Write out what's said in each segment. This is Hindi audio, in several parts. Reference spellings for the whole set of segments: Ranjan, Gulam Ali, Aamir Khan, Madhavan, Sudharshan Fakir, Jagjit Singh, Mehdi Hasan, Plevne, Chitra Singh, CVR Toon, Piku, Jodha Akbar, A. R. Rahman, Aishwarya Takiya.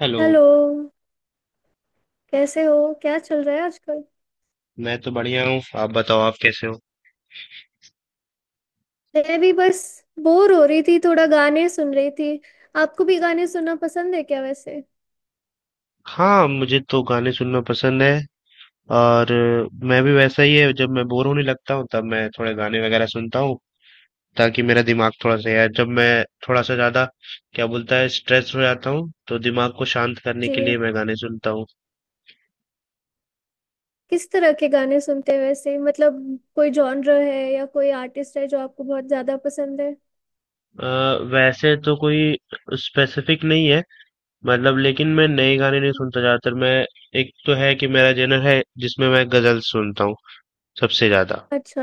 हेलो। हेलो। कैसे हो, क्या चल रहा है आजकल। मैं तो बढ़िया हूँ, आप बताओ, आप कैसे हो? मैं भी बस बोर हो रही थी, थोड़ा गाने सुन रही थी। आपको भी गाने सुनना पसंद है क्या वैसे। हाँ, मुझे तो गाने सुनना पसंद है। और मैं भी वैसा ही है, जब मैं बोर होने लगता हूँ तब मैं थोड़े गाने वगैरह सुनता हूँ, ताकि मेरा दिमाग थोड़ा सा, यार जब मैं थोड़ा सा ज्यादा, क्या बोलता है, स्ट्रेस हो जाता हूँ तो दिमाग को शांत करने जी। के लिए मैं गाने सुनता हूँ। किस तरह के गाने सुनते हैं वैसे, मतलब कोई जॉनर है या कोई आर्टिस्ट है जो आपको बहुत ज्यादा पसंद है। अ, वैसे तो कोई स्पेसिफिक नहीं है, मतलब, लेकिन मैं नए गाने नहीं हम्म। सुनता ज्यादातर। मैं, एक तो है कि मेरा जनर है जिसमें मैं गजल सुनता हूँ सबसे ज्यादा। अच्छा।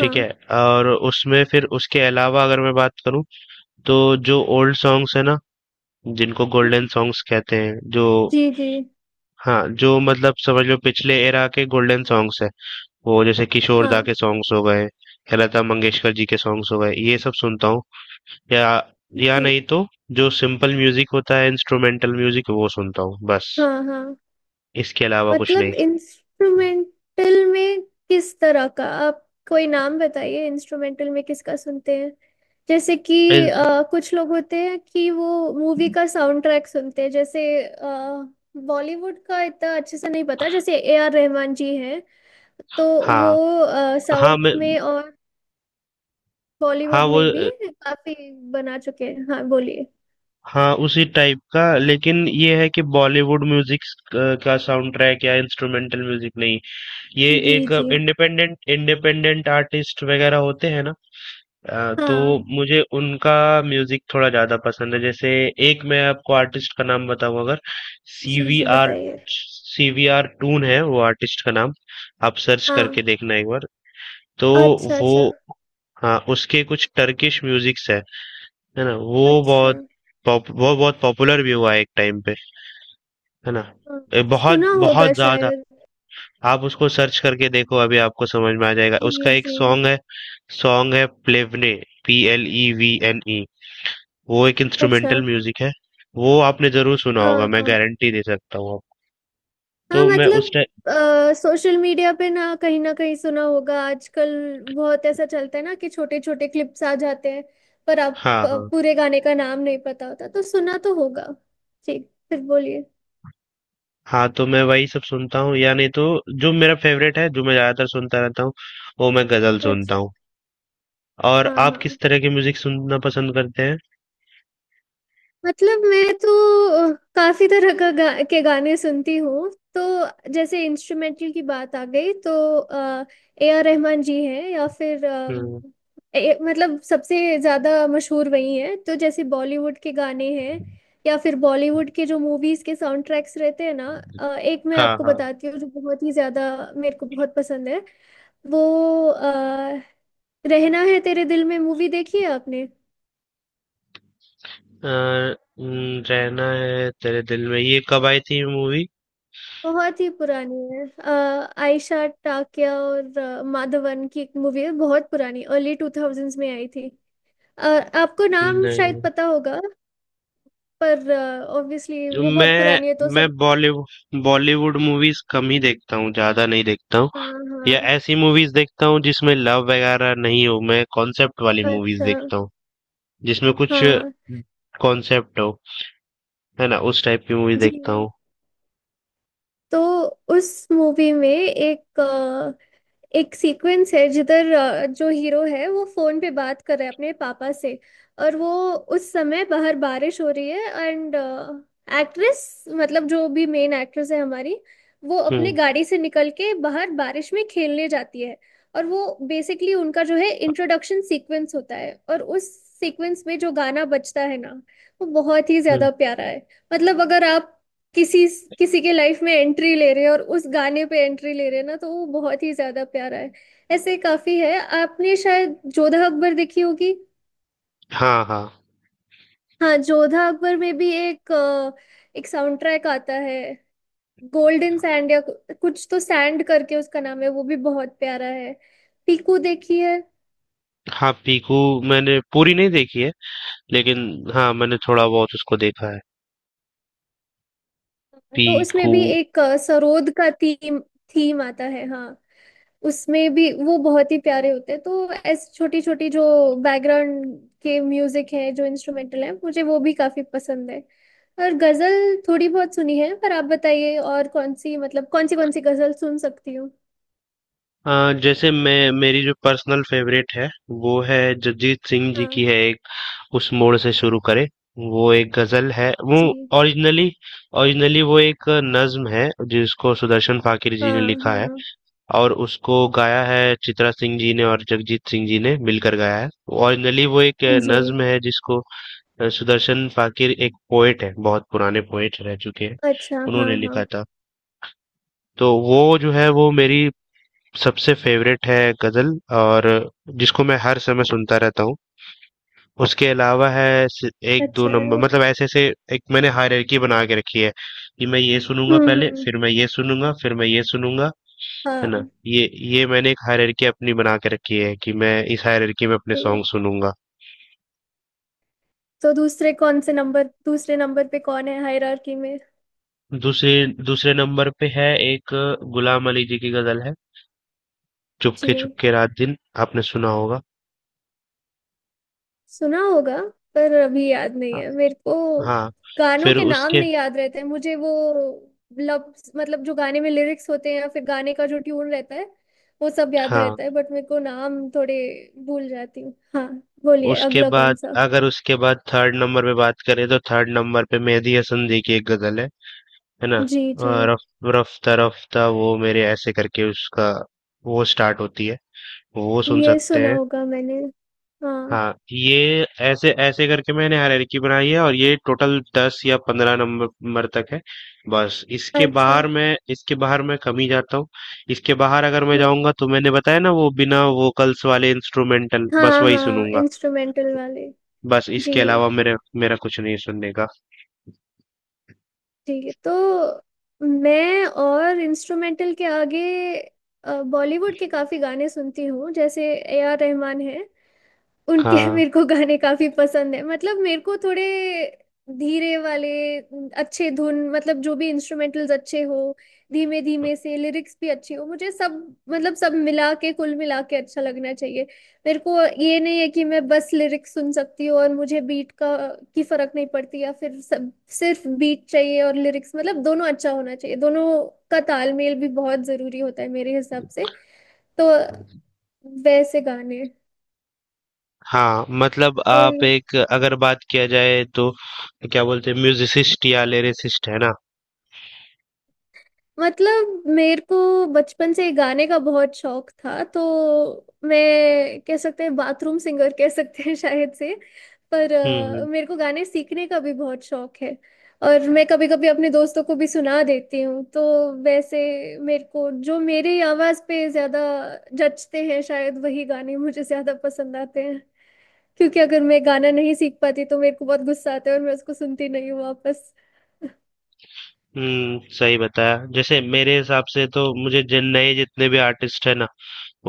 हाँ। है। और उसमें फिर उसके अलावा अगर मैं बात करूं, तो जो ओल्ड सॉन्ग्स है ना, जिनको गोल्डन हम्म। सॉन्ग्स कहते हैं, जो, जी जी। हाँ, जो मतलब समझ लो पिछले एरा के गोल्डन सॉन्ग्स है, वो जैसे किशोर दा हाँ। के सॉन्ग्स हो गए या लता मंगेशकर जी के सॉन्ग्स हो गए, ये सब सुनता हूँ। या या जी। नहीं तो जो सिंपल म्यूजिक होता है, इंस्ट्रूमेंटल म्यूजिक, वो सुनता हूँ। बस, हाँ हाँ। इसके अलावा कुछ नहीं। मतलब इंस्ट्रूमेंटल में किस तरह का आप कोई नाम बताइए, इंस्ट्रूमेंटल में किसका सुनते हैं। जैसे कि इन- कुछ लोग होते हैं कि वो मूवी का साउंड ट्रैक सुनते हैं, जैसे बॉलीवुड का इतना अच्छे से नहीं पता, जैसे ए आर रहमान जी हैं। तो हाँ, वो हाँ। साउथ मैं, में और हाँ बॉलीवुड वो, में भी काफी बना चुके हैं। हाँ, बोलिए। हाँ, उसी टाइप का, लेकिन ये है कि बॉलीवुड म्यूजिक का साउंड ट्रैक या इंस्ट्रूमेंटल म्यूजिक नहीं। ये जी एक जी। इंडिपेंडेंट इंडिपेंडेंट आर्टिस्ट वगैरह होते हैं ना, तो हाँ। मुझे उनका म्यूजिक थोड़ा ज्यादा पसंद है। जैसे एक मैं आपको आर्टिस्ट का नाम बताऊं अगर, जी जी, सीवीआर। बताइए। सीवीआर टून है वो आर्टिस्ट का नाम। आप सर्च हाँ। करके देखना एक बार। तो अच्छा वो, अच्छा। हाँ, उसके कुछ टर्किश म्यूजिक्स है ना, वो अच्छा। बहुत वो बहुत पॉपुलर भी हुआ एक टाइम पे, है ना। हाँ, बहुत सुना बहुत होगा ज्यादा। शायद। आप उसको सर्च करके देखो अभी आपको समझ में आ जाएगा। उसका जी एक जी। सॉन्ग है, सॉन्ग है Plevne, P L E V N E. वो एक अच्छा। इंस्ट्रूमेंटल म्यूजिक है। वो आपने जरूर सुना हाँ होगा, मैं हाँ। गारंटी दे सकता हूँ आपको। हाँ, तो मैं उस मतलब टाइम, सोशल मीडिया पे ना, कहीं ना कहीं सुना होगा। आजकल बहुत ऐसा चलता है ना कि छोटे छोटे क्लिप्स आ जाते हैं, पर आप हाँ, हाँ। पूरे गाने का नाम नहीं पता होता, तो सुना तो होगा। ठीक, फिर बोलिए। हाँ, तो मैं वही सब सुनता हूँ, या नहीं तो जो मेरा फेवरेट है, जो मैं ज्यादातर सुनता रहता हूँ, वो मैं गजल सुनता अच्छा। हूँ। और हाँ आप किस हाँ। तरह की म्यूजिक सुनना पसंद करते हैं? मतलब मैं तो काफी तरह का के गाने सुनती हूँ। तो जैसे इंस्ट्रूमेंटल की बात आ गई, तो ए आर रहमान जी हैं, या फिर हम्म। मतलब सबसे ज्यादा मशहूर वही हैं। तो जैसे बॉलीवुड के गाने हैं, या फिर बॉलीवुड के जो मूवीज के साउंड ट्रैक्स रहते हैं ना। एक मैं हाँ, आपको हाँ। बताती हूँ जो बहुत ही ज्यादा मेरे को बहुत पसंद है। वो अ, रहना है तेरे दिल में, मूवी देखी है आपने। अ, न, रहना है तेरे दिल में, ये कब आई थी मूवी? बहुत ही पुरानी है, आयशा टाकिया और माधवन की एक मूवी है, बहुत पुरानी, अर्ली टू थाउजेंड्स में आई थी। अ, आपको नाम नहीं, शायद पता होगा, पर ऑब्वियसली जो वो बहुत मैं पुरानी है तो मैं सब। बॉलीवुड बॉलीवुड मूवीज कम ही देखता हूँ, ज्यादा नहीं देखता हूँ। हाँ या हाँ। ऐसी मूवीज देखता हूँ जिसमें लव वगैरह नहीं हो, मैं कॉन्सेप्ट वाली मूवीज अच्छा। देखता हूँ जिसमें कुछ हाँ। कॉन्सेप्ट हो, है ना, उस टाइप की मूवी जी। देखता हूँ। तो उस मूवी में एक एक सीक्वेंस है जिधर जो हीरो है वो फोन पे बात कर रहा है अपने पापा से, और वो उस समय बाहर बारिश हो रही है, एंड एक्ट्रेस, मतलब जो भी मेन एक्ट्रेस है हमारी, वो अपने हम्म। गाड़ी से निकल के बाहर बारिश में खेलने जाती है। और वो बेसिकली उनका जो है इंट्रोडक्शन सीक्वेंस होता है, और उस सीक्वेंस में जो गाना बजता है ना, वो बहुत ही हम्म। ज्यादा प्यारा है। मतलब अगर आप किसी किसी के लाइफ में एंट्री ले रहे हैं, और उस गाने पे एंट्री ले रहे हैं ना, तो वो बहुत ही ज्यादा प्यारा है। ऐसे काफी है, आपने शायद जोधा अकबर देखी होगी। हाँ, हाँ। हाँ, जोधा अकबर में भी एक एक साउंड ट्रैक आता है, गोल्डन सैंड या कुछ तो सैंड करके उसका नाम है, वो भी बहुत प्यारा है। पीकू देखी है। हाँ पीकू, मैंने पूरी नहीं देखी है, लेकिन हाँ मैंने थोड़ा बहुत उसको देखा है, तो उसमें पीकू। भी एक सरोद का थीम थीम आता है। हाँ, उसमें भी वो बहुत ही प्यारे होते हैं। तो ऐसी छोटी छोटी जो बैकग्राउंड के म्यूजिक है, जो इंस्ट्रूमेंटल है, मुझे वो भी काफी पसंद है। और गजल थोड़ी बहुत सुनी है, पर आप बताइए, और कौन सी, मतलब कौन सी गजल सुन सकती हूँ। जैसे मैं मेरी जो पर्सनल फेवरेट है वो है, जगजीत सिंह जी की हाँ। है एक, उस मोड़ से शुरू करे, वो एक गजल है। वो जी। ओरिजिनली ओरिजिनली वो एक नज्म है जिसको सुदर्शन फाकिर जी ने हाँ लिखा है। हाँ। और उसको गाया है चित्रा सिंह जी ने और जगजीत सिंह जी ने मिलकर गाया है। ओरिजिनली वो एक जी। नज्म है जिसको, सुदर्शन फाकिर एक पोएट है, बहुत पुराने पोएट रह चुके हैं, अच्छा। हाँ उन्होंने हाँ। लिखा था। तो वो जो है वो मेरी सबसे फेवरेट है गज़ल, और जिसको मैं हर समय सुनता रहता हूँ। उसके अलावा है स 1-2 अच्छा। नंबर, हम्म। मतलब ऐसे-ऐसे एक मैंने हायरार्की बना के रखी है, कि मैं ये सुनूँगा पहले, हम्म। फिर मैं ये सुनूँगा, फिर मैं ये सुनूँगा, है ना? हाँ। ये ये मैंने एक हायरार्की अपनी बना के रखी है कि मैं इस हायरार्की में अपने जी। सॉन्ग सुनूँगा। तो दूसरे कौन से नंबर, दूसरे नंबर पे कौन है हायरार्की में। दूसरे, दूसरे नंबर पे है एक गुलाम अली जी की गज़ल है, जी। चुपके चुपके रात दिन, आपने सुना होगा। सुना होगा, पर अभी याद नहीं हाँ, है मेरे को। हाँ, गानों फिर के नाम उसके, नहीं याद रहते हैं मुझे, वो लफ्ज मतलब जो गाने में लिरिक्स होते हैं या फिर गाने का जो ट्यून रहता है वो सब याद हाँ। रहता है, बट मेरे को नाम थोड़े भूल जाती हूँ। हाँ, बोलिए उसके अगला कौन बाद, सा। अगर उसके बाद थर्ड नंबर पे बात करें तो थर्ड नंबर पे मेहदी हसन जी की एक गजल है ना, जी जी। रफ रफ्ता रफ्ता वो मेरे, ऐसे करके उसका वो स्टार्ट होती है। वो सुन ये सकते सुना हैं। होगा मैंने। हाँ। हाँ, ये ऐसे ऐसे करके मैंने हायरार्की बनाई है, और ये टोटल 10 या 15 नंबर तक है। बस इसके अच्छा। बाहर मैं इसके बाहर मैं कम ही जाता हूँ। इसके बाहर अगर मैं हम्म। जाऊंगा तो मैंने बताया ना, वो बिना वोकल्स वाले इंस्ट्रूमेंटल, बस हाँ वही हाँ, सुनूंगा। इंस्ट्रूमेंटल वाले। बस जी। इसके अलावा मेरे मेरा कुछ नहीं है सुनने का। ठीक है। तो मैं, और इंस्ट्रूमेंटल के आगे बॉलीवुड के काफी गाने सुनती हूँ, जैसे ए आर रहमान है। उनके हाँ, मेरे को गाने काफी पसंद है, मतलब मेरे को थोड़े धीरे वाले, अच्छे धुन, मतलब जो भी इंस्ट्रूमेंटल्स अच्छे हो, धीमे धीमे से लिरिक्स भी अच्छी हो, मुझे सब, मतलब सब मिला के, कुल मिला के अच्छा लगना चाहिए मेरे को। ये नहीं है कि मैं बस लिरिक्स सुन सकती हूँ और मुझे बीट का की फर्क नहीं पड़ती, या फिर सब सिर्फ बीट चाहिए और लिरिक्स। मतलब दोनों अच्छा होना चाहिए, दोनों का तालमेल भी बहुत जरूरी होता है मेरे हिसाब से। तो वैसे गाने, हाँ, मतलब आप एक, अगर बात किया जाए तो क्या बोलते हैं, म्यूजिसिस्ट या लिरिसिस्ट, है ना। मतलब मेरे को बचपन से गाने का बहुत शौक था, तो मैं कह सकते हैं बाथरूम सिंगर कह सकते हैं शायद से। पर हम्म, हम्म। मेरे को गाने सीखने का भी बहुत शौक है, और मैं कभी कभी अपने दोस्तों को भी सुना देती हूँ। तो वैसे मेरे को जो मेरी आवाज़ पे ज़्यादा जचते हैं, शायद वही गाने मुझे ज़्यादा पसंद आते हैं। क्योंकि अगर मैं गाना नहीं सीख पाती तो मेरे को बहुत गुस्सा आता है, और मैं उसको सुनती नहीं हूँ वापस। सही बताया, जैसे मेरे हिसाब से तो मुझे जिन नए, जितने भी आर्टिस्ट है ना,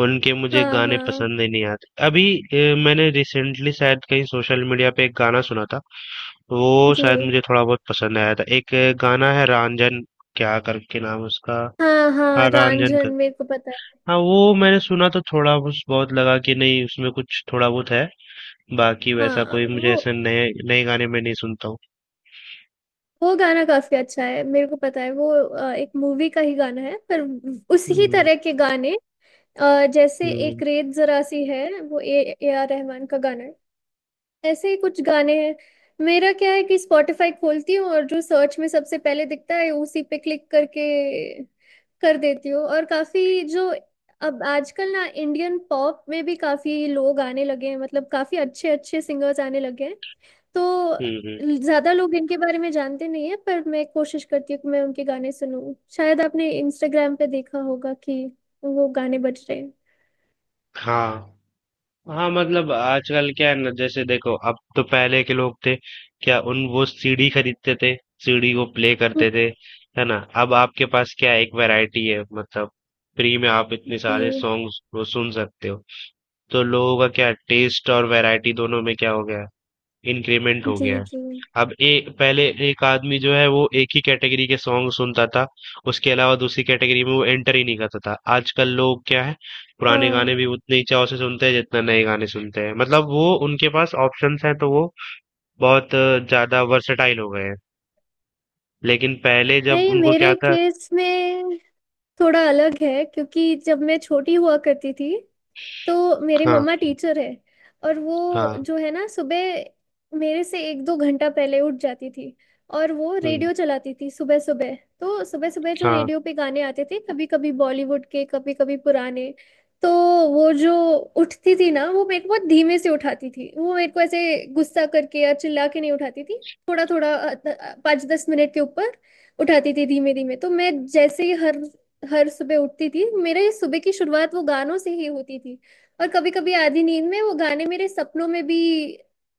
उनके मुझे हाँ गाने हाँ। पसंद ही नहीं आते। अभी मैंने रिसेंटली शायद कहीं सोशल मीडिया पे एक गाना सुना था, वो शायद जी। मुझे थोड़ा बहुत पसंद आया था। एक गाना है रंजन, क्या करके नाम है उसका। हाँ हाँ, हाँ, रंजन। रांझन मेरे को पता है। हाँ, वो मैंने सुना तो थोड़ा, बस बहुत लगा कि नहीं उसमें कुछ थोड़ा बहुत है। बाकी वैसा हाँ, कोई, मुझे वो ऐसे नए नए गाने में नहीं सुनता हूँ। वो गाना काफी अच्छा है, मेरे को पता है। वो एक मूवी का ही गाना है, पर उसी ही हम्म, तरह के गाने, जैसे हम्म, एक रेत जरा सी है, वो ए ए आर रहमान का गाना है। ऐसे ही कुछ गाने हैं। मेरा क्या है कि स्पॉटिफाई खोलती हूँ और जो सर्च में सबसे पहले दिखता है उसी पे क्लिक करके कर देती हूँ। और काफी जो, अब आजकल ना इंडियन पॉप में भी काफी लोग आने लगे हैं, मतलब काफी अच्छे अच्छे सिंगर्स आने लगे हैं। तो हम्म, हम्म। ज्यादा लोग इनके बारे में जानते नहीं है, पर मैं कोशिश करती हूँ कि मैं उनके गाने सुनूं। शायद आपने इंस्टाग्राम पे देखा होगा कि वो गाने बज रहे हैं। हाँ, हाँ, मतलब आजकल क्या है ना, जैसे देखो अब तो, पहले के लोग थे, क्या उन, वो सीडी खरीदते थे, सीडी को प्ले हम्म। करते थे, है ना। अब आपके पास क्या है, एक वैरायटी है, मतलब फ्री में आप इतने जी सारे सॉन्ग्स सुन सकते हो। तो लोगों का क्या, टेस्ट और वैरायटी दोनों में क्या हो गया है? इंक्रीमेंट हो गया जी। है। जी। अब ए पहले एक आदमी जो है वो एक ही कैटेगरी के सॉन्ग सुनता था, उसके अलावा दूसरी कैटेगरी में वो एंटर ही नहीं करता था। आजकल लोग क्या है, पुराने गाने हाँ। भी उतने ही चाव से सुनते हैं जितना नए गाने सुनते हैं, मतलब वो उनके पास ऑप्शंस हैं तो वो बहुत ज्यादा वर्सेटाइल हो गए हैं। लेकिन पहले जब नहीं, उनको क्या मेरे था, केस में थोड़ा अलग है क्योंकि जब मैं छोटी हुआ करती थी, तो मेरी हाँ, मम्मा टीचर है, और वो हाँ। जो है ना, सुबह मेरे से 1-2 घंटा पहले उठ जाती थी, और वो हम्म, रेडियो चलाती थी सुबह सुबह। तो सुबह सुबह जो हाँ, रेडियो पे गाने आते थे, कभी कभी बॉलीवुड के, कभी कभी पुराने। तो वो जो उठती थी ना, वो मेरे को बहुत धीमे से उठाती थी, वो मेरे को ऐसे गुस्सा करके या चिल्ला के नहीं उठाती थी, थोड़ा थोड़ा 5-10 मिनट के ऊपर उठाती थी, धीमे धीमे। तो मैं जैसे ही हर हर सुबह उठती थी, मेरे सुबह की शुरुआत वो गानों से ही होती थी, और कभी कभी आधी नींद में वो गाने मेरे सपनों में भी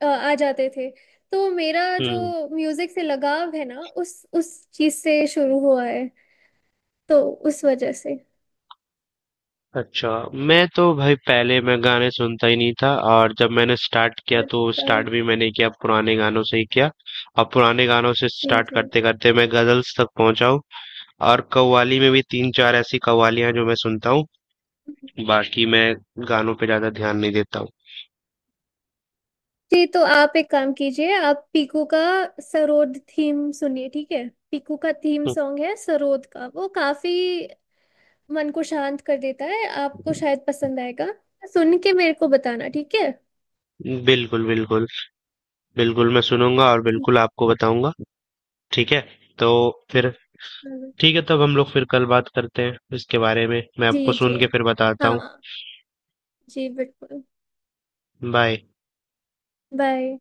आ जाते थे। तो मेरा जो हम्म। म्यूजिक से लगाव है ना, उस चीज से शुरू हुआ है, तो उस वजह से। अच्छा, मैं तो भाई, पहले मैं गाने सुनता ही नहीं था, और जब मैंने स्टार्ट किया तो अच्छा। स्टार्ट भी मैंने किया पुराने गानों से ही किया। और पुराने गानों से जी स्टार्ट जी। करते करते मैं गजल्स तक पहुंचा हूँ। और कव्वाली में भी तीन चार ऐसी कव्वालियां हैं जो मैं सुनता हूँ, बाकी मैं गानों पे ज्यादा ध्यान नहीं देता हूँ। जी तो आप एक काम कीजिए, आप पीकू का सरोद थीम सुनिए, ठीक है। पीकू का थीम सॉन्ग है सरोद का, वो काफी मन को शांत कर देता है। आपको शायद पसंद आएगा, सुन के मेरे को बताना, ठीक है। बिल्कुल, बिल्कुल, बिल्कुल मैं सुनूंगा और ठीक बिल्कुल आपको बताऊंगा। ठीक है, तो फिर, है। ठीक है, तब हम लोग फिर कल बात करते हैं इसके बारे में, मैं आपको जी जी। सुन के फिर बताता हूँ। हाँ। जी बिल्कुल। बाय। बाय।